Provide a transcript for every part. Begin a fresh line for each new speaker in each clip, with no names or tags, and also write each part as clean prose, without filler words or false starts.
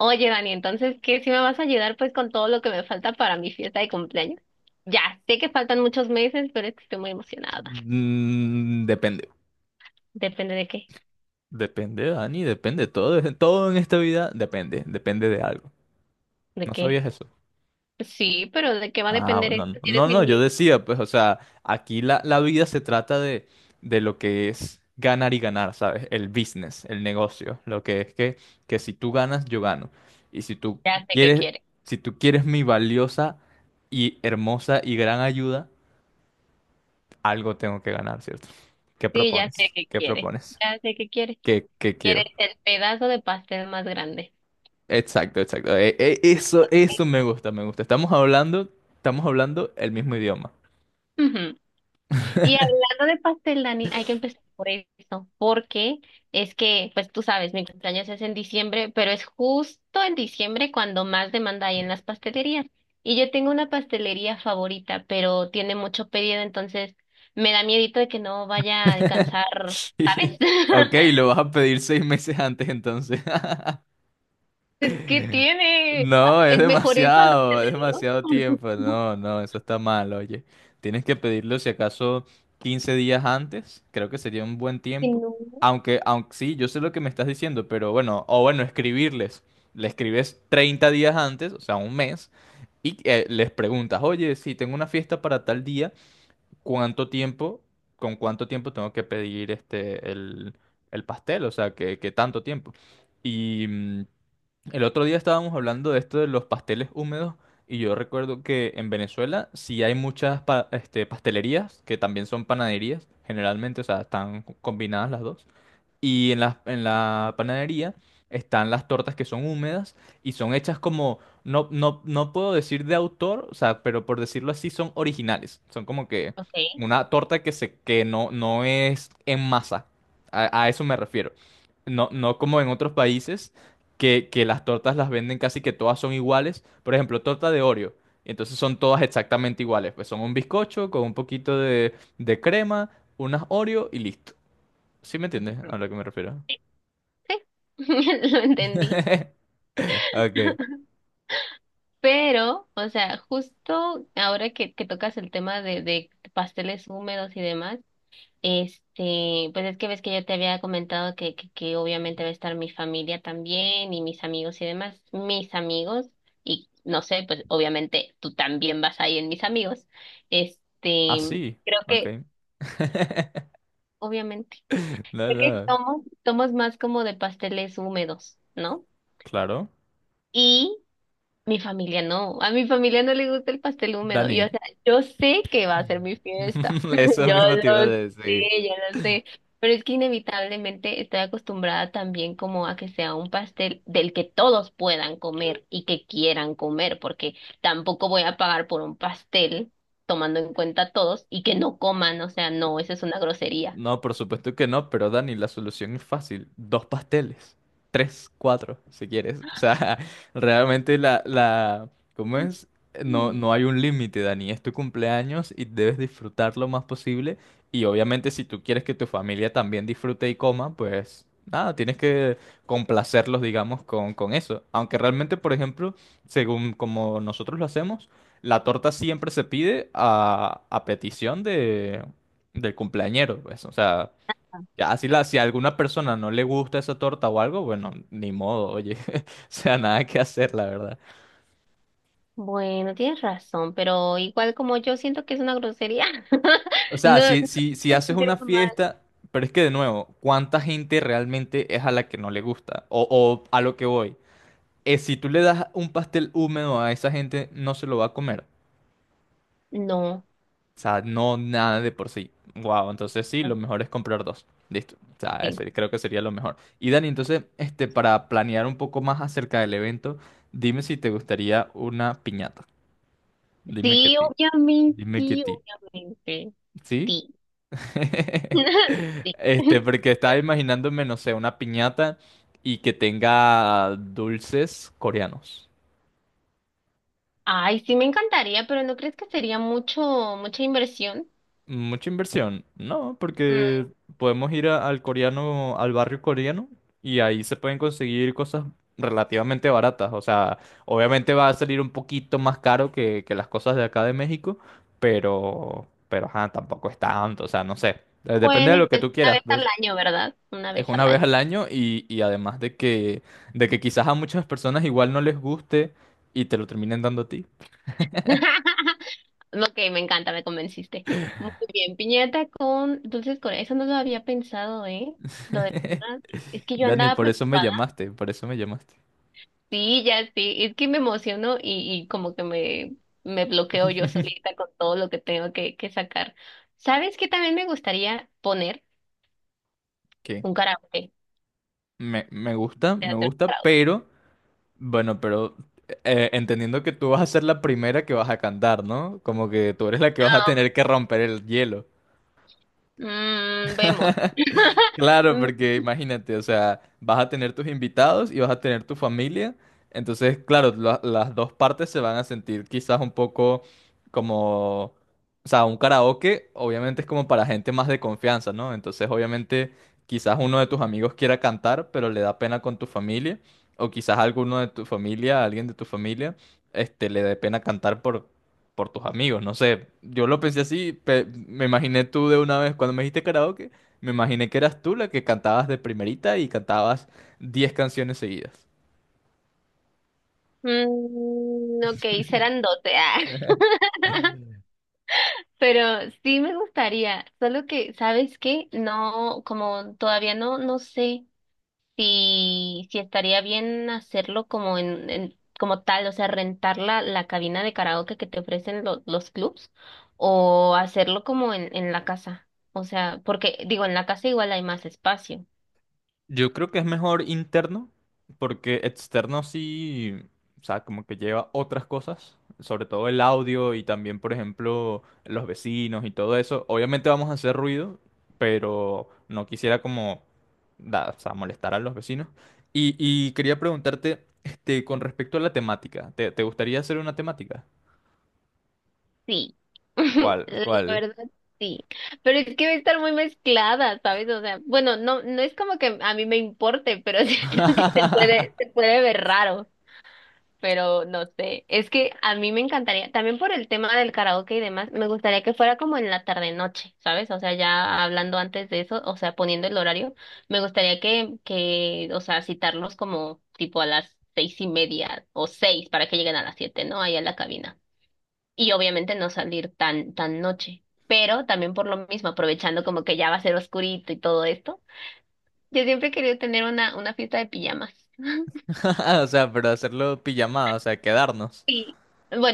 Oye, Dani, entonces, ¿qué si me vas a ayudar pues con todo lo que me falta para mi fiesta de cumpleaños? Ya, sé que faltan muchos meses, pero es que estoy muy emocionada.
Mm, depende.
Depende de qué,
Depende, Dani, depende. Todo, todo en esta vida depende de algo.
de
¿No
qué.
sabías eso?
Sí, pero ¿de qué va a
Ah,
depender
no, no,
esto si eres
no,
mi
no, yo
amigo?
decía, pues, o sea, aquí la vida se trata de, lo que es ganar y ganar, ¿sabes? El business, el negocio, lo que es que si tú ganas, yo gano. Y
Ya sé qué
quieres,
quiere.
si tú quieres mi valiosa y hermosa y gran ayuda, algo tengo que ganar, ¿cierto? ¿Qué
Sí, ya sé
propones?
qué
¿Qué
quiere.
propones?
Ya sé qué quiere.
¿Qué
Quieres
quiero?
el pedazo de pastel más grande.
Exacto, exacto. Eso, eso me gusta, me gusta. Estamos hablando el mismo idioma.
Ujú. Y hablando de pastel, Dani, hay que empezar por eso, porque es que, pues tú sabes, mi cumpleaños es en diciembre, pero es justo en diciembre cuando más demanda hay en las pastelerías. Y yo tengo una pastelería favorita, pero tiene mucho pedido, entonces me da miedito de que no vaya a alcanzar, ¿sabes?
Ok, lo vas a pedir 6 meses antes entonces.
Es que tiene,
No,
es mejor eso a no
es demasiado
tenerlo.
tiempo. No, no, eso está mal, oye. Tienes que pedirlo si acaso 15 días antes, creo que sería un buen
Que
tiempo.
no.
Aunque sí, yo sé lo que me estás diciendo, pero bueno, o bueno, escribirles. Le escribes 30 días antes, o sea, un mes, y les preguntas, oye, si tengo una fiesta para tal día, ¿cuánto tiempo, con cuánto tiempo tengo que pedir este, el pastel? O sea, ¿qué tanto tiempo? Y el otro día estábamos hablando de esto de los pasteles húmedos y yo recuerdo que en Venezuela sí hay muchas pastelerías que también son panaderías, generalmente, o sea, están combinadas las dos. Y en la panadería están las tortas que son húmedas y son hechas como, no, no, no puedo decir de autor, o sea, pero por decirlo así, son originales. Son como que
Ok,
una torta que, se, que no es en masa. A eso me refiero. No, no como en otros países que las tortas las venden casi que todas son iguales. Por ejemplo, torta de Oreo. Entonces son todas exactamente iguales. Pues son un bizcocho con un poquito de crema, unas Oreo y listo. ¿Sí me entiendes a lo que me refiero?
sí, lo entendí.
Ok.
Pero, o sea, justo ahora que tocas el tema de pasteles húmedos y demás, este, pues es que ves que yo te había comentado que obviamente va a estar mi familia también y mis amigos y demás, mis amigos, y no sé, pues obviamente tú también vas ahí en mis amigos.
Ah,
Este,
sí.
creo
Ok.
que, obviamente,
No,
creo que
no.
somos, somos más como de pasteles húmedos, ¿no?
Claro.
Y mi familia no, a mi familia no le gusta el pastel húmedo. Yo,
Dani.
o sea, yo sé que va a ser mi fiesta.
Eso
Yo
mismo te iba a
lo
decir.
sé, yo lo sé. Pero es que inevitablemente estoy acostumbrada también como a que sea un pastel del que todos puedan comer y que quieran comer, porque tampoco voy a pagar por un pastel tomando en cuenta a todos y que no coman, o sea, no, eso es una grosería.
No, por supuesto que no, pero Dani, la solución es fácil. Dos pasteles. Tres, cuatro, si quieres. O sea, realmente la. ¿Cómo es? No,
Mm.
no hay un límite, Dani. Es tu cumpleaños y debes disfrutar lo más posible. Y obviamente si tú quieres que tu familia también disfrute y coma, pues nada, tienes que complacerlos, digamos, con eso. Aunque realmente, por ejemplo, según como nosotros lo hacemos, la torta siempre se pide a petición de del cumpleañero, pues. O sea, ya si a alguna persona no le gusta esa torta o algo, bueno, ni modo, oye. O sea, nada que hacer, la verdad.
Bueno, tienes razón, pero igual como yo siento que es una grosería,
O sea,
no,
si
no se
haces
sentir
una
mal.
fiesta, pero es que de nuevo, ¿cuánta gente realmente es a la que no le gusta? O a lo que voy. Si tú le das un pastel húmedo a esa gente, no se lo va a comer.
No,
O sea, no nada de por sí. Wow, entonces sí, lo mejor es comprar dos. Listo. O sea,
sí.
eso creo que sería lo mejor. Y Dani, entonces, este, para planear un poco más acerca del evento, dime si te gustaría una piñata. Dime que
Sí,
ti.
obviamente,
Dime que
sí,
ti.
obviamente.
¿Sí?
Sí. Sí.
Este, porque estaba imaginándome, no sé, una piñata y que tenga dulces coreanos.
Ay, sí me encantaría, pero ¿no crees que sería mucho, mucha inversión?
Mucha inversión. No,
Mm,
porque podemos ir al coreano, al barrio coreano, y ahí se pueden conseguir cosas relativamente baratas. O sea, obviamente va a salir un poquito más caro que, las cosas de acá de México, pero ajá, tampoco es tanto. O sea, no sé. Depende
pueden
de lo que
empezar
tú
una
quieras,
vez al
pues,
año, ¿verdad? Una
es
vez
una
al
vez
año.
al año y, además de que quizás a muchas personas igual no les guste y te lo terminen dando a ti.
Ok, me encanta, me convenciste. Muy bien, piñata con dulces Corea. Eso no lo había pensado, ¿eh? Lo del tema. Es que yo
Dani,
andaba
por eso me
preocupada.
llamaste, por eso me llamaste.
Sí, ya sí, es que me emociono y como que me bloqueo yo solita con todo lo que tengo que sacar. ¿Sabes qué también me gustaría poner?
¿Qué?
Un karaoke,
Me gusta, me
teatro de
gusta,
karaoke.
pero bueno, pero entendiendo que tú vas a ser la primera que vas a cantar, ¿no? Como que tú eres la que vas a
Ah,
tener que romper el hielo.
mm, vemos.
Claro, porque imagínate, o sea, vas a tener tus invitados y vas a tener tu familia. Entonces, claro, las dos partes se van a sentir quizás un poco como, o sea, un karaoke obviamente es como para gente más de confianza, ¿no? Entonces, obviamente, quizás uno de tus amigos quiera cantar, pero le da pena con tu familia, o quizás alguno de tu familia, alguien de tu familia, este, le dé pena cantar por tus amigos, no sé. Yo lo pensé así, me imaginé tú de una vez cuando me dijiste karaoke. Me imaginé que eras tú la que cantabas de primerita y cantabas 10 canciones seguidas.
Mm, ok, serán 12, ah, Pero sí me gustaría, solo que, ¿sabes qué? No, como todavía no, no sé. Si, si estaría bien hacerlo como en- como tal, o sea, rentar la, la cabina de karaoke que te ofrecen lo- los clubs o hacerlo como en la casa. O sea, porque digo, en la casa igual hay más espacio.
Yo creo que es mejor interno, porque externo sí, o sea, como que lleva otras cosas, sobre todo el audio y también, por ejemplo, los vecinos y todo eso. Obviamente vamos a hacer ruido, pero no quisiera como, o sea, molestar a los vecinos. Y quería preguntarte, este, con respecto a la temática, ¿te gustaría hacer una temática?
Sí.
¿Cuál?
La
¿Cuál?
verdad, sí. Pero es que va a estar muy mezclada, ¿sabes? O sea, bueno, no, no es como que a mí me importe, pero siento que se puede ver raro. Pero no sé. Es que a mí me encantaría, también por el tema del karaoke y demás, me gustaría que fuera como en la tarde-noche, ¿sabes? O sea, ya hablando antes de eso, o sea, poniendo el horario, me gustaría que, o sea, citarlos como tipo a las seis y media o seis para que lleguen a las siete, ¿no? Ahí a la cabina. Y obviamente no salir tan, tan noche. Pero también por lo mismo, aprovechando como que ya va a ser oscurito y todo esto. Yo siempre he querido tener una fiesta de pijamas.
O sea, pero hacerlo pijamada, o sea, quedarnos.
Y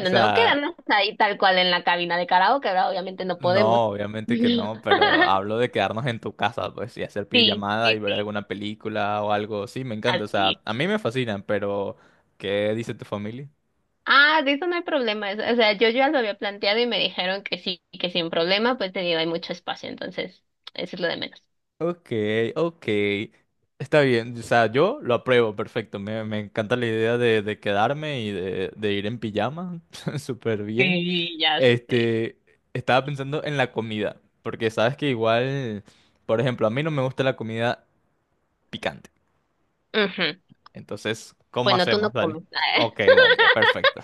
O
no
sea,
quedarnos ahí tal cual en la cabina de karaoke, ¿verdad? Obviamente no podemos.
no, obviamente que no, pero hablo de quedarnos en tu casa, pues, y hacer
Sí,
pijamada y
sí,
ver
sí,
alguna película o algo. Sí, me encanta, o
así
sea,
es.
a mí me fascinan, pero ¿qué dice tu familia?
Ah, de eso no hay problema. Es- o sea, yo ya lo había planteado y me dijeron que sí, que sin problema, pues te digo, hay mucho espacio, entonces, eso es lo de menos.
Ok, ok. Está bien, o sea, yo lo apruebo, perfecto. Me encanta la idea de quedarme y de ir en pijama, súper bien.
Sí, ya sé.
Este, estaba pensando en la comida, porque sabes que igual, por ejemplo, a mí no me gusta la comida picante.
Ujú.
Entonces, ¿cómo
Bueno, tú
hacemos,
no
Dani?
comes.
Ok, Dani, perfecto.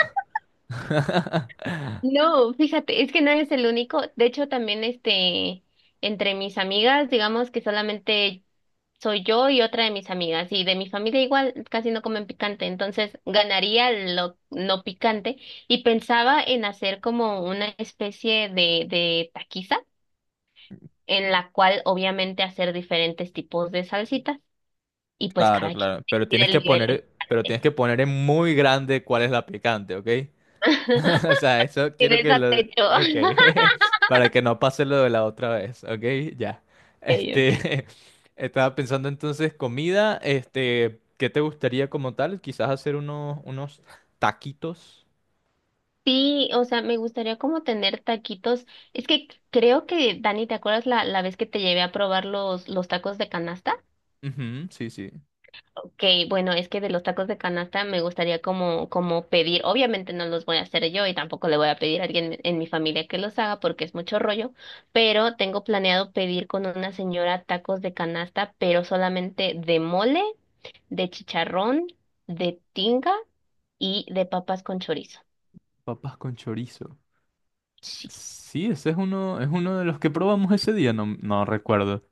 No, fíjate, es que no eres el único. De hecho, también este, entre mis amigas, digamos que solamente soy yo y otra de mis amigas. Y de mi familia igual casi no comen picante, entonces ganaría lo no picante. Y pensaba en hacer como una especie de taquiza, en la cual obviamente hacer diferentes tipos de salsitas. Y pues
Claro,
cada quien
claro, pero
decide
tienes
el
que
nivel de
poner, pero
picante.
tienes que poner en muy grande cuál es la picante, ¿ok? O sea, eso
Y
quiero
de
que
esa
lo...
techo.
Ok, para que no pase lo de la otra vez, ok, ya.
Okay, okay.
Este, estaba pensando entonces comida, este, ¿qué te gustaría como tal? Quizás hacer unos taquitos.
Sí, o sea, me gustaría como tener taquitos. Es que creo que, Dani, ¿te acuerdas la, la vez que te llevé a probar los tacos de canasta?
Ujú, sí, sí.
Ok, bueno, es que de los tacos de canasta me gustaría como, como pedir, obviamente no los voy a hacer yo y tampoco le voy a pedir a alguien en mi familia que los haga porque es mucho rollo, pero tengo planeado pedir con una señora tacos de canasta, pero solamente de mole, de chicharrón, de tinga y de papas con chorizo.
Papas con chorizo.
Sí.
Sí, ese es uno de los que probamos ese día, no, no recuerdo.